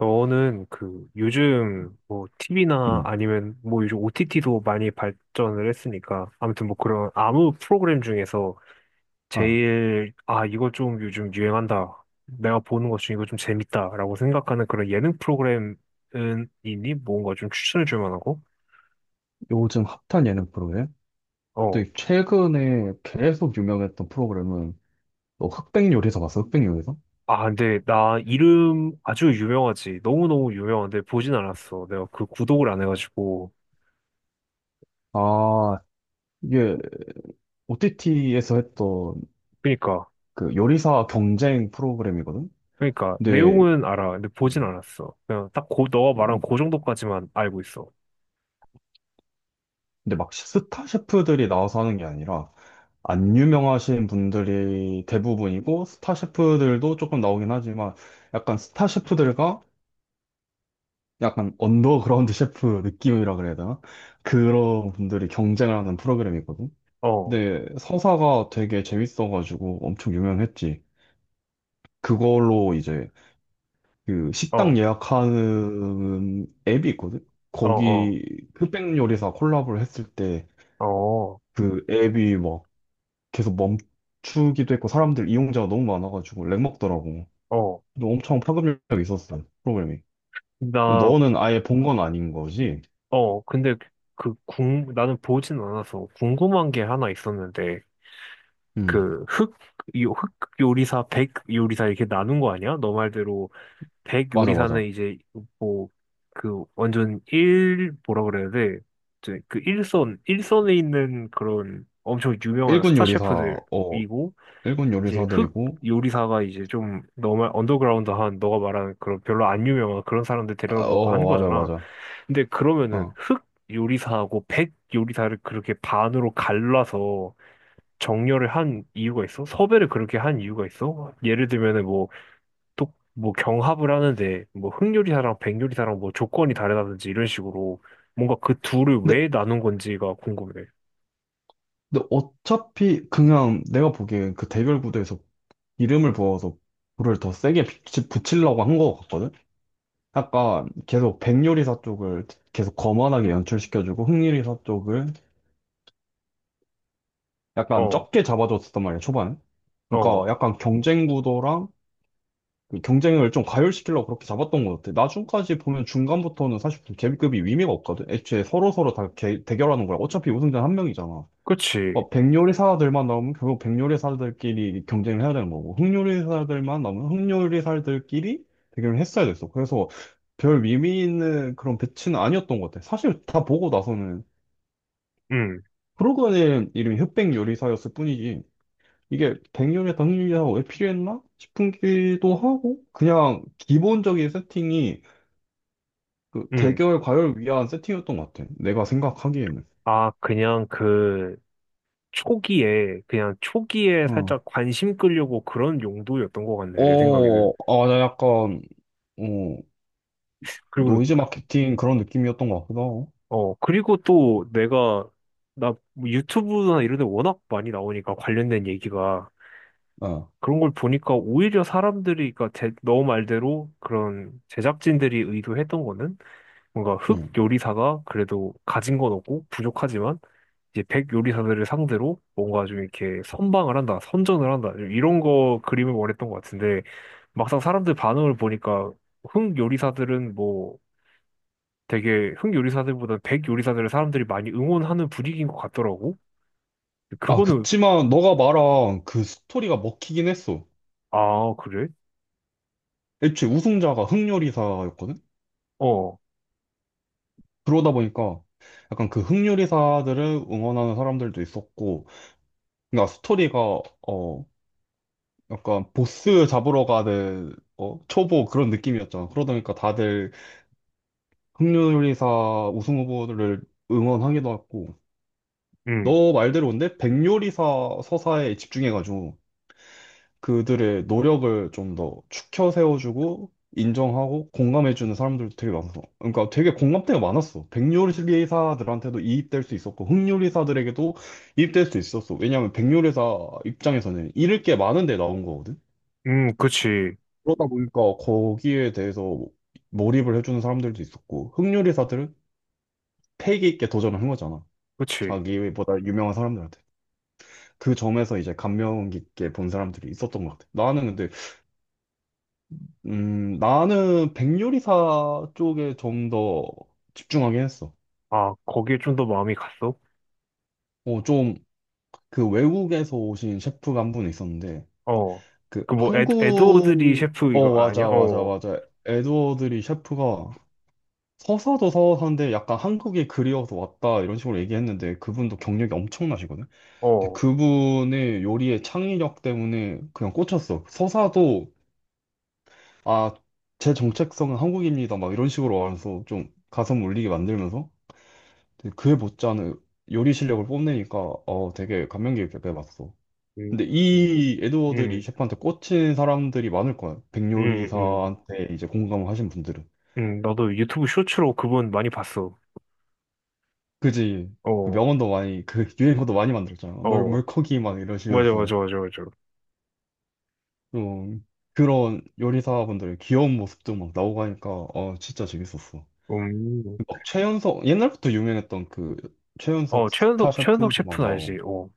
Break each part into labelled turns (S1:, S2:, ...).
S1: 너는 그 요즘 뭐 TV나
S2: 음.
S1: 아니면 뭐 요즘 OTT도 많이 발전을 했으니까 아무튼 뭐 그런 아무 프로그램 중에서
S2: 아,
S1: 제일 아 이거 좀 요즘 유행한다 내가 보는 것 중에 이거 좀 재밌다라고 생각하는 그런 예능 프로그램은 있니? 뭔가 좀 추천해 줄 만하고?
S2: 요즘 핫한 예능 프로그램?
S1: 어.
S2: 근데 최근에 계속 유명했던 프로그램은 너 흑백 요리사 봤어? 흑백 요리사?
S1: 아 근데 나 이름 아주 유명하지 너무너무 유명한데 보진 않았어 내가 그 구독을 안 해가지고
S2: 아, 이게 OTT에서 했던
S1: 그니까
S2: 그 요리사 경쟁 프로그램이거든?
S1: 그러니까
S2: 근데,
S1: 내용은 알아. 근데 보진
S2: 음,
S1: 않았어. 그냥 딱 고, 너가 말한 그 정도까지만 알고 있어.
S2: 근데 막 스타 셰프들이 나와서 하는 게 아니라 안 유명하신 분들이 대부분이고 스타 셰프들도 조금 나오긴 하지만 약간 스타 셰프들과 약간 언더그라운드 셰프 느낌이라 그래야 되나? 그런 분들이 경쟁을 하는 프로그램이거든.
S1: 어, 어,
S2: 근데 서사가 되게 재밌어가지고 엄청 유명했지. 그걸로 이제 그 식당 예약하는 앱이 있거든.
S1: 어, 어,
S2: 거기 흑백 요리사 콜라보를 했을 때
S1: 어,
S2: 그 앱이 막 계속 멈추기도 했고 사람들 이용자가 너무 많아가지고 렉 먹더라고.
S1: 어.
S2: 근데 엄청 파급력이 있었어 프로그램이.
S1: 나,
S2: 너는 아예 본 건 아닌 거지?
S1: 근데 나는 보진 않아서 궁금한 게 하나 있었는데
S2: 응.
S1: 그 흑, 요, 흑 요리사, 백 요리사 이렇게 나눈 거 아니야? 너 말대로 백
S2: 맞아,
S1: 요리사는
S2: 맞아.
S1: 이제 뭐 그 완전 일 뭐라 그래야 돼? 이제 그 일선에 있는 그런 엄청 유명한
S2: 일군
S1: 스타
S2: 요리사, 어,
S1: 셰프들이고
S2: 일군
S1: 이제 흑
S2: 요리사들이고,
S1: 요리사가 이제 좀 너무 언더그라운드한 너가 말하는 그런 별로 안 유명한 그런 사람들
S2: 아,
S1: 데려다 놓고 한
S2: 어, 맞아,
S1: 거잖아.
S2: 맞아.
S1: 근데 그러면은
S2: 어.
S1: 흑 요리사하고 백 요리사를 그렇게 반으로 갈라서 정렬을 한 이유가 있어? 섭외를 그렇게 한 이유가 있어? 예를 들면은 뭐 또 뭐 경합을 하는데 뭐 흑 요리사랑 백 요리사랑 뭐 조건이 다르다든지 이런 식으로 뭔가 그 둘을
S2: 근데,
S1: 왜 나눈 건지가 궁금해.
S2: 근데 어차피 그냥 내가 보기엔 그 대결 구도에서 이름을 부어서 불을 더 세게 붙이려고 한 거 같거든? 약간 계속 백요리사 쪽을 계속 거만하게 연출시켜주고 흑요리사 쪽을 약간
S1: 어,
S2: 적게 잡아줬었단 말이야, 초반에. 그러니까
S1: 어,
S2: 약간 경쟁 구도랑 그 경쟁을 좀 가열시키려고 그렇게 잡았던 것 같아. 나중까지 보면 중간부터는 사실 계급이 의미가 없거든. 애초에 서로서로 다 대결하는 거야. 어차피 우승자는 한 명이잖아.
S1: 그치.
S2: 뭐 백요리사들만 나오면 결국 백요리사들끼리 경쟁을 해야 되는 거고 흑요리사들만 나오면 흑요리사들끼리 대결을 했어야 됐어. 그래서 별 의미 있는 그런 배치는 아니었던 것 같아. 사실 다 보고 나서는
S1: 음,
S2: 프로그램 이름이 흑백요리사였을 뿐이지. 이게 백0 0열에다 흥미가 왜 필요했나 싶기도 하고 그냥 기본적인 세팅이 그
S1: 음.
S2: 대결 과열 위한 세팅이었던 것 같아. 내가 생각하기에는.
S1: 아, 그냥 그 초기에 그냥 초기에
S2: 어.
S1: 살짝 관심 끌려고 그런 용도였던 것 같네 내 생각에는.
S2: 어, 아, 나 약간 어,
S1: 그리고
S2: 노이즈 마케팅 그런 느낌이었던 것 같기도 하고.
S1: 그리고 또 내가 나뭐 유튜브나 이런 데 워낙 많이 나오니까 관련된 얘기가
S2: 어,
S1: 그런 걸 보니까 오히려 사람들이 그러니까 너 말대로 그런 제작진들이 의도했던 거는 뭔가 흑
S2: 음.
S1: 요리사가 그래도 가진 건 없고 부족하지만 이제 백 요리사들을 상대로 뭔가 좀 이렇게 선방을 한다, 선전을 한다, 이런 거 그림을 원했던 것 같은데, 막상 사람들 반응을 보니까 흥 요리사들은 뭐 되게 흥 요리사들보다 백 요리사들을 사람들이 많이 응원하는 분위기인 것 같더라고.
S2: 아,
S1: 그거는,
S2: 그치만 너가 말한 그 스토리가 먹히긴 했어.
S1: 아, 그래?
S2: 애초에 우승자가 흑요리사였거든?
S1: 어,
S2: 그러다 보니까 약간 그 흑요리사들을 응원하는 사람들도 있었고, 그러니까 스토리가 어, 약간 보스 잡으러 가는 어, 초보 그런 느낌이었잖아. 그러다 보니까 다들 흑요리사 우승 후보를 응원하기도 하고
S1: 음,
S2: 너 말대로 근데 백요리사 서사에 집중해가지고 그들의 노력을 좀 더 추켜 세워주고 인정하고 공감해주는 사람들도 되게 많아서 그러니까 되게 공감대가 많았어. 백요리사들한테도 이입될 수 있었고 흑요리사들에게도 이입될 수 있었어. 왜냐하면 백요리사 입장에서는 잃을 게 많은데 나온 거거든.
S1: 그치,
S2: 그러다 보니까 거기에 대해서 몰입을 해주는 사람들도 있었고, 흑요리사들은 패기 있게 도전을 한 거잖아.
S1: 그치.
S2: 자기보다 유명한 사람들한테. 그 점에서 이제 감명 깊게 본 사람들이 있었던 것 같아. 나는 근데, 나는 백요리사 쪽에 좀 더 집중하긴 했어.
S1: 아, 거기에 좀 더 마음이 갔어?
S2: 어, 좀, 그 외국에서 오신 셰프가 한 분 있었는데,
S1: 어.
S2: 그
S1: 그 뭐, 에드워드 리
S2: 한국,
S1: 셰프 이거
S2: 어,
S1: 아니야?
S2: 맞아, 맞아,
S1: 어,
S2: 맞아. 에드워드리 셰프가 서사도 서사인데 약간 한국이 그리워서 왔다 이런 식으로 얘기했는데 그분도 경력이 엄청나시거든. 근데
S1: 어.
S2: 그분의 요리의 창의력 때문에 그냥 꽂혔어. 서사도 아, 제 정체성은 한국입니다 막 이런 식으로 와서 좀 가슴 울리게 만들면서 되게 그에 못지않은 요리 실력을 뽐내니까 어 되게 감명 깊게 봤어.
S1: 음,
S2: 근데
S1: 음,
S2: 이 에드워드 리
S1: 음,
S2: 셰프한테 꽂힌 사람들이 많을 거야.
S1: 음.
S2: 백요리사한테 이제 공감을 하신 분들은.
S1: 응, 나도 유튜브 쇼츠로 그분 많이 봤어.
S2: 그지. 그
S1: 어,
S2: 명언도 많이, 그 유행어도 많이 만들었잖아. 물,
S1: 어,
S2: 물고기 막
S1: 맞아, 맞아,
S2: 이러시면서.
S1: 맞아, 맞아.
S2: 어, 그런 요리사분들의 귀여운 모습도 막 나오고 하니까, 어, 진짜 재밌었어.
S1: 음,
S2: 막 최연석, 옛날부터 유명했던 그 최연석
S1: 어,
S2: 스타
S1: 최현석
S2: 셰프도 막
S1: 셰프는 알지?
S2: 나오고.
S1: 어,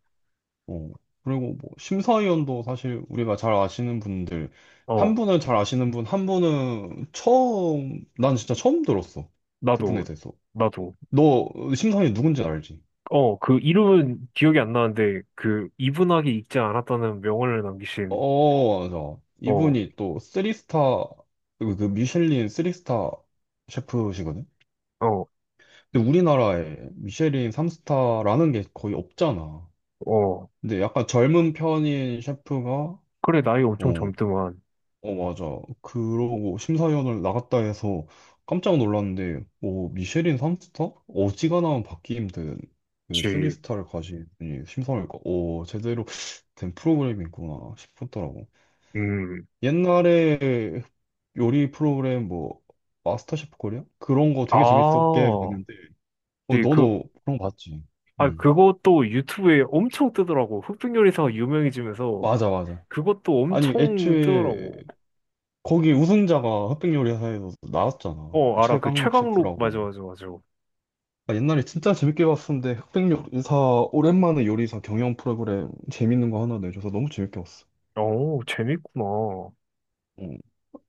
S2: 어. 그리고 뭐, 심사위원도 사실 우리가 잘 아시는 분들, 한
S1: 어,
S2: 분은 잘 아시는 분, 한 분은 처음, 난 진짜 처음 들었어. 그분에
S1: 나도,
S2: 대해서.
S1: 나도.
S2: 너 심사위원 누군지 알지?
S1: 어, 그 이름은 기억이 안 나는데, 그 이분하게 익지 않았다는 명언을 남기신,
S2: 어, 맞아.
S1: 어,
S2: 이분이 또 쓰리스타, 그 미슐린 쓰리스타 셰프시거든?
S1: 어,
S2: 근데 우리나라에 미슐린 삼스타라는게 거의 없잖아.
S1: 어.
S2: 근데 약간 젊은 편인 셰프가,
S1: 그래, 나이 엄청
S2: 어,
S1: 젊더만.
S2: 어, 맞아. 그러고 심사위원을 나갔다 해서 깜짝 놀랐는데, 어, 미슐린 삼스타 어지간하면 받기 힘든 그
S1: 지,
S2: 3스타를 가진 분이 심사위원이니까, 어, 제대로 된 프로그램이구나 싶었더라고.
S1: 음,
S2: 옛날에 요리 프로그램 뭐 마스터셰프 코리아? 그런 거
S1: 아,
S2: 되게 재밌었게 봤는데 어,
S1: 지, 그,
S2: 너도 그런 거 봤지?
S1: 아,
S2: 응.
S1: 그것도 유튜브에 엄청 뜨더라고. 흑백 요리사가 유명해지면서
S2: 맞아 맞아.
S1: 그것도
S2: 아니
S1: 엄청
S2: 애초에
S1: 뜨더라고.
S2: 거기 우승자가 흑백요리사에서 나왔잖아.
S1: 어,
S2: 그
S1: 알아. 그
S2: 최강록
S1: 최강록, 맞아,
S2: 셰프라고.
S1: 맞아, 맞아.
S2: 아, 옛날에 진짜 재밌게 봤었는데 흑백요리사 오랜만에 요리사 경영 프로그램 재밌는 거 하나 내줘서 너무 재밌게 봤어.
S1: 어, 재밌구나.
S2: 음.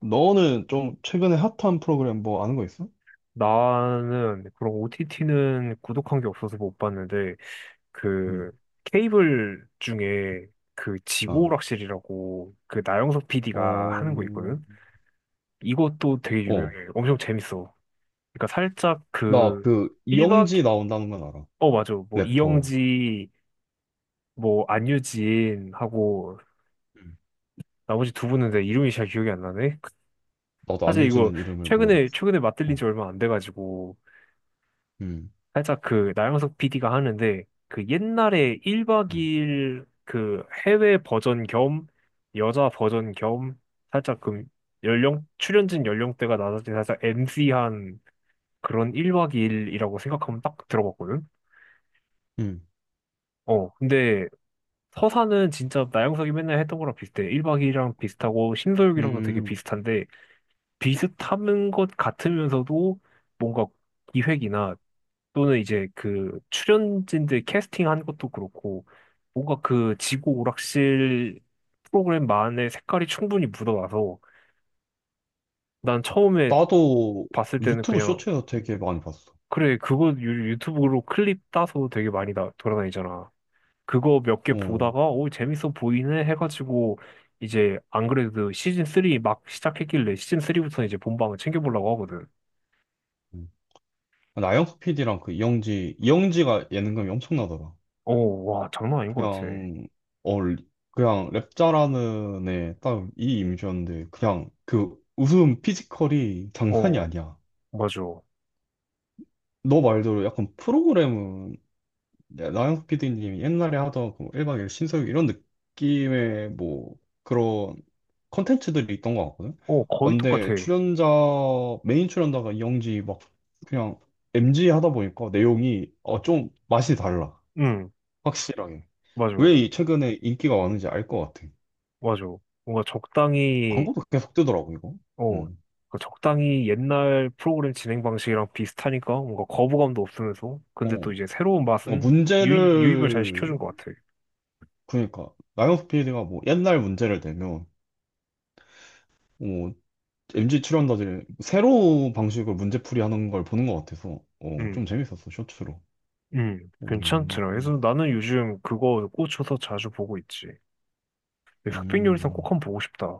S2: 너는 좀 최근에 핫한 프로그램 뭐 아는 거 있어?
S1: 나는 그런 OTT는 구독한 게 없어서 못 봤는데,
S2: 응.
S1: 그 케이블 중에 그
S2: 아.
S1: 지구오락실이라고 그 나영석 PD가
S2: 어,
S1: 하는 거 있거든? 이것도 되게
S2: 어,
S1: 유명해. 엄청 재밌어. 그러니까 살짝
S2: 나
S1: 그
S2: 그
S1: 1박,
S2: 이영지 나온다는 건 알아.
S1: 어, 맞아. 뭐
S2: 래퍼.
S1: 이영지, 뭐 안유진하고
S2: 음,
S1: 나머지 두 분은 내 이름이 잘 기억이 안 나네.
S2: 나도
S1: 사실 이거
S2: 안유진은 이름을
S1: 최근에
S2: 모르겠어.
S1: 최근에 맞들린
S2: 어.
S1: 지 얼마 안 돼가지고
S2: 음.
S1: 살짝 그 나영석 PD가 하는데 그 옛날에 1박
S2: 음.
S1: 2일 그 해외 버전 겸 여자 버전 겸 살짝 그 연령 출연진 연령대가 낮아진 살짝 MC한 그런 1박 2일이라고 생각하면 딱 들어봤거든.
S2: 음.
S1: 어 근데 서사는 진짜 나영석이 맨날 했던 거랑 비슷해. 1박 2일이랑 비슷하고 신서유기랑도 되게
S2: 음.
S1: 비슷한데 비슷한 것 같으면서도 뭔가 기획이나 또는 이제 그 출연진들 캐스팅한 것도 그렇고 뭔가 그 지구 오락실 프로그램만의 색깔이 충분히 묻어나서 난 처음에
S2: 나도
S1: 봤을 때는
S2: 유튜브
S1: 그냥
S2: 쇼츠에서 되게 많이 봤어.
S1: 그래 그거 유튜브로 클립 따서 되게 많이 돌아다니잖아. 그거 몇 개
S2: 어.
S1: 보다가 오 재밌어 보이네 해가지고 이제 안 그래도 시즌 3 막 시작했길래 시즌 3부터 이제 본방을 챙겨보려고 하거든.
S2: 음. 나영석 PD랑 그 이영지가 예능감이 엄청나더라.
S1: 어, 와, 장난 아닌 것 같아.
S2: 그냥, 어, 그냥 랩 잘하는 애 딱 이 이미지였는데, 그냥 그 웃음 피지컬이 장난이
S1: 어,
S2: 아니야.
S1: 맞아. 어,
S2: 너 말대로 약간 프로그램은 네, 나영석 PD님이 옛날에 하던 그 1박 2일 신서유 이런 느낌의 뭐 그런 컨텐츠들이 있던 것 같거든. 아,
S1: 거의 똑같아.
S2: 근데 출연자 메인 출연자가 이영지 막 그냥 MG 하다 보니까 내용이 어, 좀 맛이 달라.
S1: 응,
S2: 확실하게. 왜
S1: 맞아.
S2: 이 최근에 인기가 많은지 알 것 같아.
S1: 맞아. 뭔가 적당히,
S2: 광고도 계속 뜨더라고 이거.
S1: 어,
S2: 응.
S1: 그 적당히 옛날 프로그램 진행 방식이랑 비슷하니까 뭔가 거부감도 없으면서, 근데 또
S2: 어.
S1: 이제 새로운
S2: 뭔가
S1: 맛은 유입을 잘
S2: 문제를
S1: 시켜준 것 같아.
S2: 그러니까 나영석 PD가 뭐 옛날 문제를 대면 MZ 출연자들 새로운 방식으로 문제풀이 하는 걸 보는 것 같아서 어, 좀
S1: 응,
S2: 재밌었어 쇼츠로.
S1: 응, 괜찮더라.
S2: 음,
S1: 그래서 나는 요즘 그거 꽂혀서 자주 보고 있지. 흑백요리상 꼭
S2: 음.
S1: 한번 보고 싶다.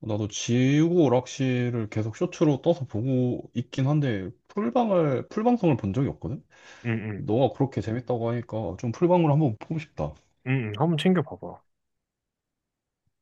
S2: 나도 지우고 오락실을 계속 쇼츠로 떠서 보고 있긴 한데 풀방을 풀방송을 본 적이 없거든.
S1: 응, 응,
S2: 너가 그렇게 재밌다고 하니까 좀 풀방으로 한번 보고 싶다.
S1: 응, 응, 한번 챙겨봐봐.